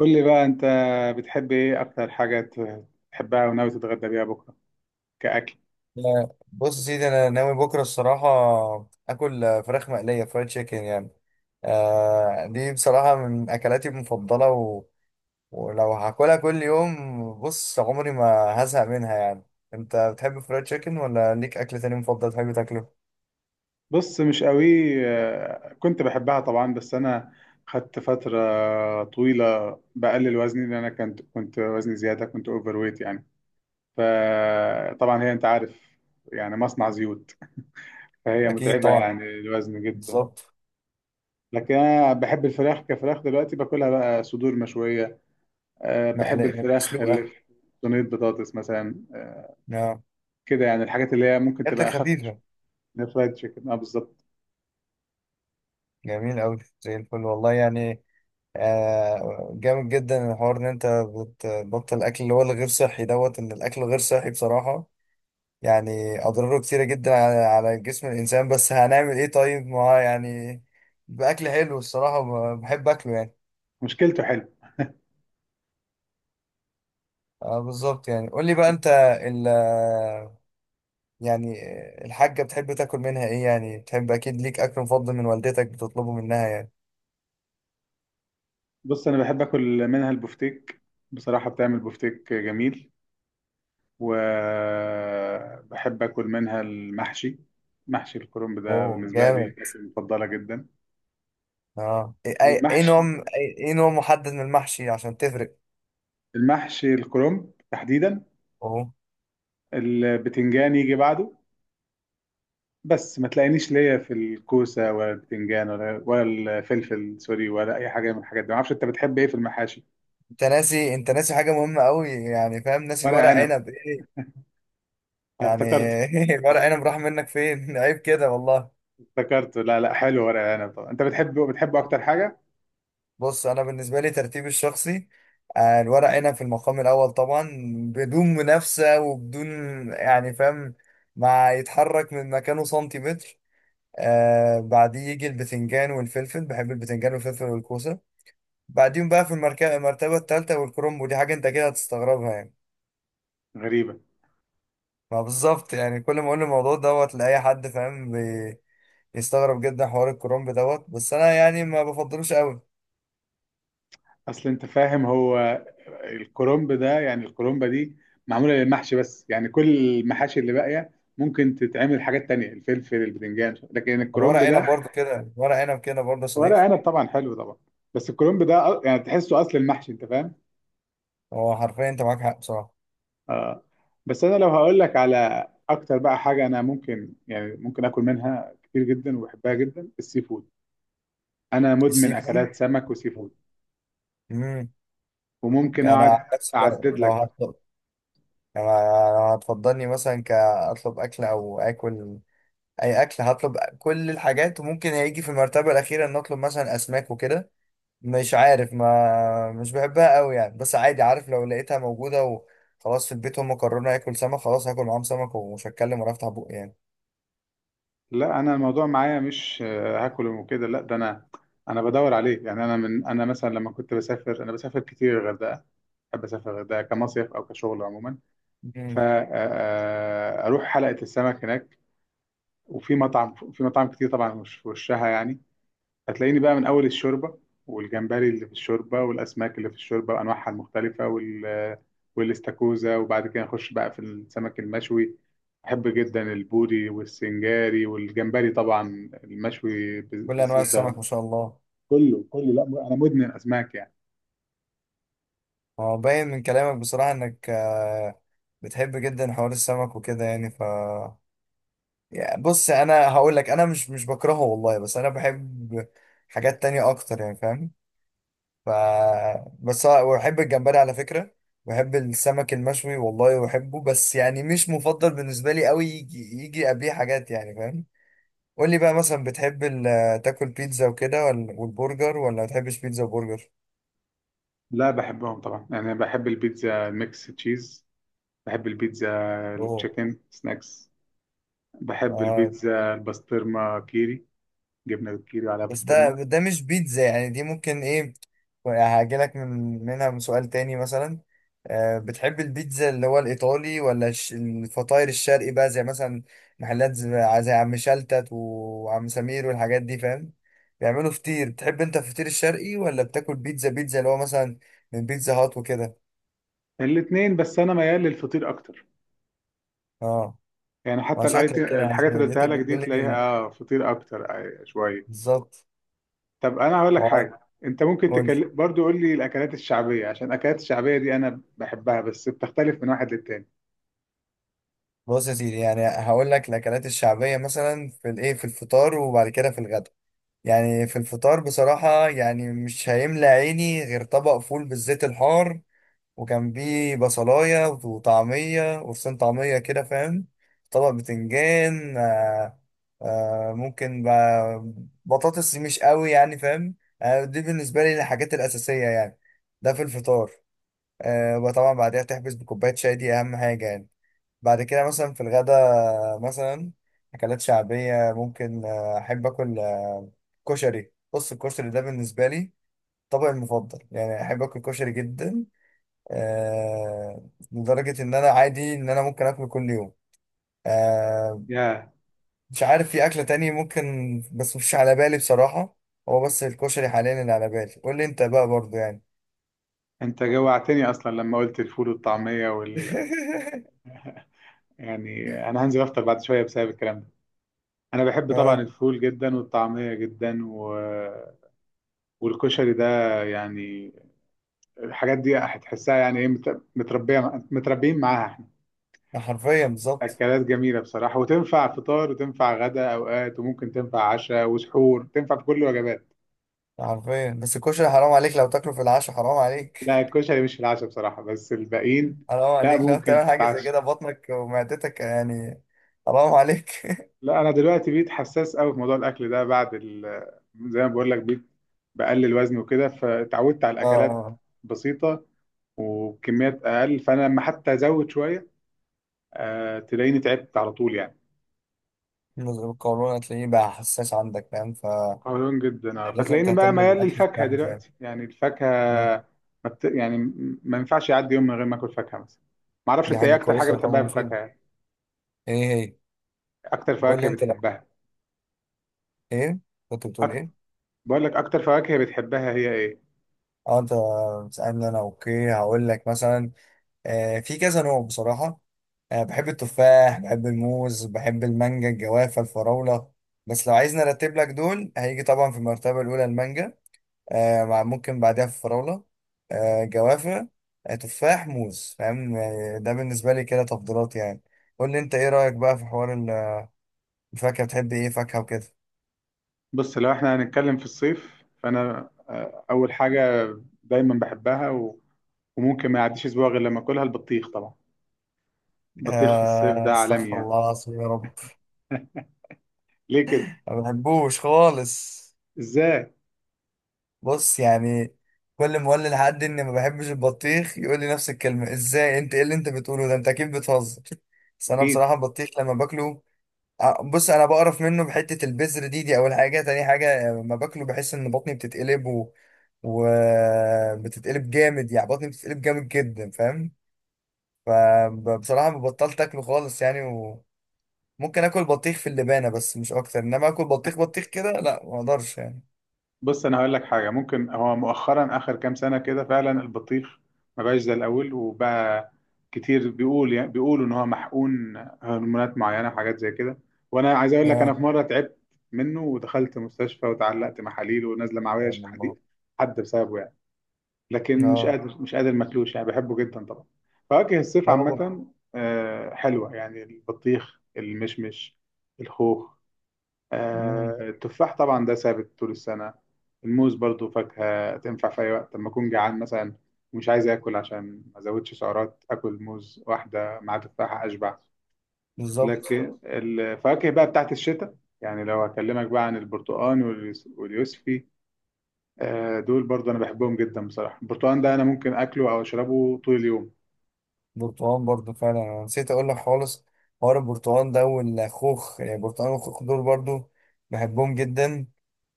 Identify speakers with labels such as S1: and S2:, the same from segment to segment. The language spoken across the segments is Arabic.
S1: قول لي بقى انت بتحب ايه اكتر حاجة تحبها وناوي تتغدى بيها بكرة كأكل؟
S2: لا، بص يا سيدي، انا ناوي بكره الصراحه اكل فراخ مقليه فرايد تشيكن يعني. آه، دي بصراحه من اكلاتي المفضله، ولو هاكلها كل يوم، بص، عمري ما هزهق منها يعني. انت بتحب فرايد تشيكن ولا ليك اكل تاني مفضل تحب تاكله؟
S1: بص، مش قوي. كنت بحبها طبعا، بس انا خدت فترة طويلة بقلل وزني لان انا كنت وزني زيادة، كنت اوفر ويت يعني. فطبعا هي انت عارف يعني مصنع زيوت، فهي
S2: اكيد
S1: متعبة
S2: طبعا.
S1: يعني الوزن جدا.
S2: بالظبط.
S1: لكن انا بحب الفراخ كفراخ، دلوقتي باكلها بقى صدور مشوية. أه، بحب
S2: مقليه
S1: الفراخ اللي
S2: مسلوقه.
S1: في صينية بطاطس مثلا،
S2: نعم.
S1: كده يعني الحاجات اللي هي ممكن تبقى
S2: اكلات
S1: اخف شويه
S2: خفيفه.
S1: من الفرايد تشيكن. اه بالظبط،
S2: جميل قوي زي الفل والله يعني. جامد جدا الحوار ان انت بتبطل الاكل اللي هو الغير صحي دوت، ان الاكل غير صحي بصراحة، يعني اضراره كتيرة جدا على جسم الانسان. بس هنعمل ايه؟ طيب، ما هو يعني باكل حلو الصراحة، بحب اكله يعني.
S1: مشكلته حلو.
S2: آه، بالظبط يعني. قول لي بقى انت، ال يعني الحاجة بتحب تاكل منها ايه؟ يعني بتحب اكيد ليك اكل مفضل من والدتك بتطلبه منها يعني.
S1: بص انا بحب اكل منها البفتيك، بصراحه بتعمل بفتيك جميل، وبحب اكل منها المحشي. محشي الكرنب ده
S2: اوه،
S1: بالنسبه لي
S2: جامد.
S1: أكلة مفضله جدا.
S2: اه، إيه نوع؟
S1: والمحشي،
S2: إيه نوع محدد من المحشي عشان تفرق؟
S1: المحشي الكرنب تحديدا،
S2: اوه.
S1: البتنجان يجي بعده. بس ما تلاقينيش ليا في الكوسه ولا البتنجان ولا الفلفل، سوري، ولا اي حاجه من الحاجات دي. ما اعرفش انت بتحب ايه في المحاشي؟
S2: انت ناسي حاجه مهمه قوي، يعني فاهم، ناسي
S1: ورق
S2: الورق
S1: عنب،
S2: عنب. ايه يعني؟
S1: افتكرت.
S2: الورق عنب راح منك فين؟ عيب كده والله.
S1: افتكرته. لا، حلو ورق العنب طبعا. انت بتحبه؟ بتحبه اكتر حاجه؟
S2: بص، انا بالنسبه لي ترتيبي الشخصي، الورق عنب في المقام الاول طبعا، بدون منافسه وبدون، يعني فاهم، ما يتحرك من مكانه سنتيمتر. آه، بعديه يجي البتنجان والفلفل، بحب البتنجان والفلفل والكوسه. بعديهم بقى في المرتبه الثالثه والكرنب، ودي حاجه انت كده هتستغربها يعني.
S1: غريبه.
S2: ما بالظبط يعني، كل ما اقول الموضوع دوت لاي حد، فاهم، يستغرب جدا حوار الكرنب دوت. بس انا يعني ما بفضلوش قوي.
S1: اصل انت فاهم هو الكرنب ده، يعني الكرنبه دي معموله للمحشي بس، يعني كل المحاشي اللي باقيه ممكن تتعمل حاجات تانية، الفلفل، البتنجان، لكن
S2: انا ورق
S1: الكرنب
S2: عنب
S1: ده.
S2: برضو كده، ورق عنب كده برضو يا
S1: ورق
S2: صديقي.
S1: عنب طبعا حلو طبعا، بس الكرنب ده يعني تحسه اصل المحشي، انت فاهم.
S2: هو حرفيا انت معاك حق بصراحه.
S1: اه. بس انا لو هقول لك على اكتر بقى حاجه انا ممكن، يعني ممكن اكل منها كتير جدا وبحبها جدا، السي فود. انا مدمن
S2: السي فود.
S1: اكلات سمك وسي فود.
S2: امم.
S1: وممكن
S2: انا عن
S1: اقعد
S2: نفسي لو
S1: اعدد
S2: لو
S1: لك بقى.
S2: هطلب يعني، لو هتفضلني مثلا كاطلب اكل او اكل، اي اكل هطلب، كل الحاجات، وممكن هيجي في المرتبه الاخيره ان اطلب مثلا اسماك وكده. مش عارف، ما مش بحبها قوي يعني، بس عادي، عارف، لو لقيتها موجوده وخلاص في البيت هم قرروا اكل سمك، خلاص هاكل معاهم سمك ومش هتكلم ولا افتح بقي يعني.
S1: لا انا الموضوع معايا مش هاكل وكده، لا ده انا انا بدور عليه يعني. انا من انا مثلا لما كنت بسافر، انا بسافر كتير الغردقه، بحب اسافر الغردقه كمصيف او كشغل عموما،
S2: مم.
S1: فاروح حلقه السمك هناك. وفي مطعم، في مطاعم كتير طبعا مش في وشها يعني، هتلاقيني بقى من أول الشوربة والجمبري اللي في الشوربة والأسماك اللي في الشوربة وأنواعها المختلفة وال والاستاكوزا، وبعد كده نخش بقى في السمك المشوي. بحب جدا البوري والسنجاري والجمبري طبعا المشوي
S2: كل انواع
S1: بالزيت
S2: السمك
S1: ده.
S2: ما شاء الله.
S1: كله كله، لا أنا مدمن أسماك يعني.
S2: هو باين من كلامك بصراحه انك بتحب جدا حوار السمك وكده يعني. يعني بص، انا هقول لك انا مش بكرهه والله، بس انا بحب حاجات تانية اكتر يعني فاهم. ف وبحب الجمبري على فكره. بحب السمك المشوي والله بحبه، بس يعني مش مفضل بالنسبه لي قوي، يجي قبليه حاجات، يعني فاهم. قول لي بقى مثلا، بتحب تاكل بيتزا وكده ولا والبرجر، ولا ما بتحبش بيتزا وبرجر؟
S1: لا بحبهم طبعا، يعني أنا بحب البيتزا ميكس تشيز، بحب البيتزا التشيكن سناكس، بحب
S2: اوه.
S1: البيتزا البسطرمة كيري، جبنة بالكيري على
S2: بس ده
S1: بسطرمة.
S2: ده مش بيتزا يعني، دي ممكن ايه. هاجيلك من سؤال تاني مثلا. بتحب البيتزا اللي هو الإيطالي، ولا الفطاير الشرقي بقى، زي مثلا محلات زي عم شلتت وعم سمير والحاجات دي، فاهم، بيعملوا فطير. بتحب انت الفطير الشرقي ولا بتاكل بيتزا اللي هو مثلا من بيتزا هات وكده؟
S1: الاتنين، بس أنا ميال للفطير أكتر.
S2: اه.
S1: يعني
S2: ما
S1: حتى الاي
S2: شكلك كده
S1: تي
S2: يعني،
S1: الحاجات اللي قلتها
S2: لقيتك
S1: لك دي
S2: بتقول
S1: تلاقيها
S2: لي.
S1: اه فطير اكتر شويه.
S2: بالظبط.
S1: طب انا هقول لك
S2: اه،
S1: حاجه، انت ممكن
S2: قول.
S1: تكلم برضو، قول لي الاكلات الشعبيه، عشان الاكلات الشعبيه دي انا بحبها بس بتختلف من واحد للتاني.
S2: بص يا سيدي، يعني هقول لك الاكلات الشعبيه مثلا في الفطار وبعد كده في الغدا. يعني في الفطار بصراحه يعني مش هيملى عيني غير طبق فول بالزيت الحار، وكان بيه بصلايه وطعميه، وفصين طعميه كده، فاهم، طبق بتنجان. ممكن بطاطس، مش قوي يعني فاهم. آه، دي بالنسبه لي الحاجات الاساسيه يعني، ده في الفطار. وطبعا بعدها تحبس بكوباية شاي، دي أهم حاجة يعني. بعد كده مثلا في الغدا، مثلا أكلات شعبية ممكن، أحب آكل كشري. بص، الكشري ده بالنسبة لي طبقي المفضل، يعني أحب آكل كشري جدا، لدرجة إن أنا عادي إن أنا ممكن آكله كل يوم. آه،
S1: يا،
S2: مش عارف في أكلة تانية ممكن، بس مش على بالي بصراحة، هو بس الكشري حاليا اللي على بالي. قول لي أنت بقى برضو يعني.
S1: انت جوعتني اصلا لما قلت الفول والطعميه وال، يعني انا هنزل افطر بعد شويه بسبب الكلام ده. انا بحب طبعا
S2: اه،
S1: الفول جدا والطعميه جدا و... والكشري ده، يعني الحاجات دي هتحسها يعني ايه، متربيه متربيين معاها.
S2: حرفيا بالظبط.
S1: اكلات جميله بصراحه، وتنفع فطار وتنفع غدا اوقات وممكن تنفع عشاء وسحور، تنفع في كل الوجبات.
S2: عارفين، بس الكشري حرام عليك لو تاكله في العشاء، حرام عليك.
S1: لا الكشري مش في العشاء بصراحه، بس الباقيين.
S2: حرام
S1: لا
S2: عليك لو
S1: ممكن
S2: تعمل حاجة زي
S1: تتعشى.
S2: كده، بطنك ومعدتك يعني. حرام عليك.
S1: لا انا دلوقتي بقيت حساس قوي في موضوع الاكل ده بعد ال... زي ما بقول لك بقيت بقلل وزن وكده، فتعودت على الاكلات
S2: اه،
S1: بسيطه وبكميات اقل، فانا لما حتى ازود شويه أه تلاقيني تعبت على طول يعني.
S2: نزل القولون هتلاقيه بقى حساس عندك فاهم، فلازم
S1: قولون جدا اه، فتلاقيني بقى
S2: تهتم
S1: ميال
S2: بالأكل
S1: للفاكهه
S2: بتاعك فاهم.
S1: دلوقتي، يعني الفاكهه
S2: مم.
S1: ما بت... يعني م- ما ينفعش يعدي يوم من غير ما اكل فاكهه مثلا. ما اعرفش
S2: دي
S1: انت ايه
S2: حاجة
S1: اكتر حاجه
S2: كويسة طبعا،
S1: بتحبها في
S2: مفيدة.
S1: الفاكهه يعني؟
S2: ايه هي؟
S1: اكتر
S2: قول
S1: فواكه
S2: لي انت، لو
S1: بتحبها؟
S2: ايه، كنت بتقول
S1: أكتر...
S2: ايه؟
S1: بقول لك اكتر فواكه بتحبها هي ايه؟
S2: اه، انت بتسألني انا. اوكي، هقول لك مثلا، في كذا نوع بصراحة. بحب التفاح، بحب الموز، بحب المانجا، الجوافة، الفراولة. بس لو عايز نرتب لك، دول هيجي طبعا في المرتبة الأولى المانجا، مع ممكن بعدها الفراولة، جوافة، تفاح، موز، فاهم، ده بالنسبة لي كده تفضيلات يعني. قول لي أنت إيه رأيك بقى في حوار الفاكهة؟ بتحب إيه فاكهة وكده؟
S1: بص لو احنا هنتكلم في الصيف، فانا اول حاجه دايما بحبها و... وممكن ما يعديش اسبوع غير لما اكلها، البطيخ طبعا. البطيخ في الصيف ده عالمي
S2: استغفر
S1: يعني.
S2: الله العظيم يا رب.
S1: ليه كده؟
S2: ما بحبوش خالص.
S1: ازاي؟
S2: بص يعني، كل ما اقول لحد اني ما بحبش البطيخ، يقول لي نفس الكلمه: ازاي انت؟ ايه اللي انت بتقوله ده؟ انت اكيد بتهزر. بس انا
S1: اكيد.
S2: بصراحه البطيخ لما باكله، بص، انا بقرف منه بحته، البذر دي اول حاجه، تاني حاجه لما باكله بحس ان بطني بتتقلب، وبتتقلب جامد، يعني بطني بتتقلب جامد جدا، فاهم. فبصراحه بطلت اكله خالص يعني، وممكن اكل بطيخ في اللبانه بس مش اكتر، انما اكل بطيخ بطيخ كده، لا ما اقدرش يعني.
S1: بص انا هقول لك حاجه، ممكن هو مؤخرا اخر كام سنه كده فعلا البطيخ ما بقاش زي الاول، وبقى كتير بيقول، يعني بيقولوا ان هو محقون هرمونات معينه وحاجات زي كده. وانا عايز اقول لك انا
S2: اه.
S1: في مره تعبت منه ودخلت مستشفى وتعلقت محاليل ونازله معويه
S2: سبحان الله.
S1: حديد حد بسببه يعني. لكن مش
S2: اه.
S1: قادر، مش قادر ماكلوش يعني، بحبه جدا طبعا. فواكه الصيف
S2: لا.
S1: عامه حلوه يعني، البطيخ، المشمش، الخوخ،
S2: مم،
S1: التفاح طبعا ده ثابت طول السنة. الموز برضو فاكهة تنفع في أي وقت، لما أكون جعان مثلا ومش عايز آكل عشان ما أزودش سعرات، آكل موز واحدة مع تفاحة أشبع.
S2: بالظبط.
S1: لكن الفواكه بقى بتاعت الشتاء، يعني لو هكلمك بقى عن البرتقال واليوسفي، دول برضو أنا بحبهم جدا بصراحة. البرتقال ده أنا ممكن أكله أو أشربه طول اليوم.
S2: برتقال برضو فعلا، انا نسيت اقول لك خالص حوار البرتقال ده والخوخ، يعني البرتقال والخوخ دول برضو بحبهم جدا.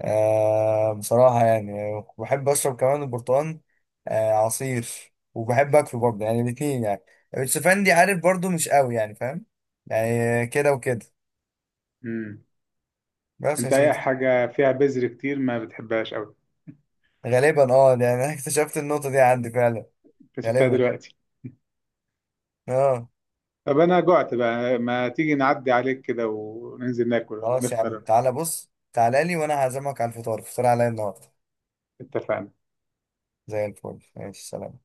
S2: آه، بصراحة يعني بحب اشرب كمان البرتقال، آه، عصير، وبحب اكله برضو يعني، الاتنين يعني. الشوفان دي، عارف، برضو مش قوي يعني فاهم، يعني كده وكده.
S1: مم.
S2: بس يا
S1: أنت أي
S2: سيدي.
S1: حاجة فيها بذر كتير ما بتحبهاش أوي.
S2: غالبا، اه، ده انا اكتشفت النقطة دي عندي فعلا.
S1: اكتشفتها
S2: غالبا.
S1: دلوقتي.
S2: اه.
S1: طب انا جعت بقى، ما تيجي نعدي عليك كده وننزل ناكل ولا
S2: خلاص يا عم،
S1: نفطر؟
S2: تعالى، بص، تعالى لي وانا هعزمك على الفطار، الفطار عليا النهارده.
S1: اتفقنا.
S2: زي الفل. ماشي، سلام.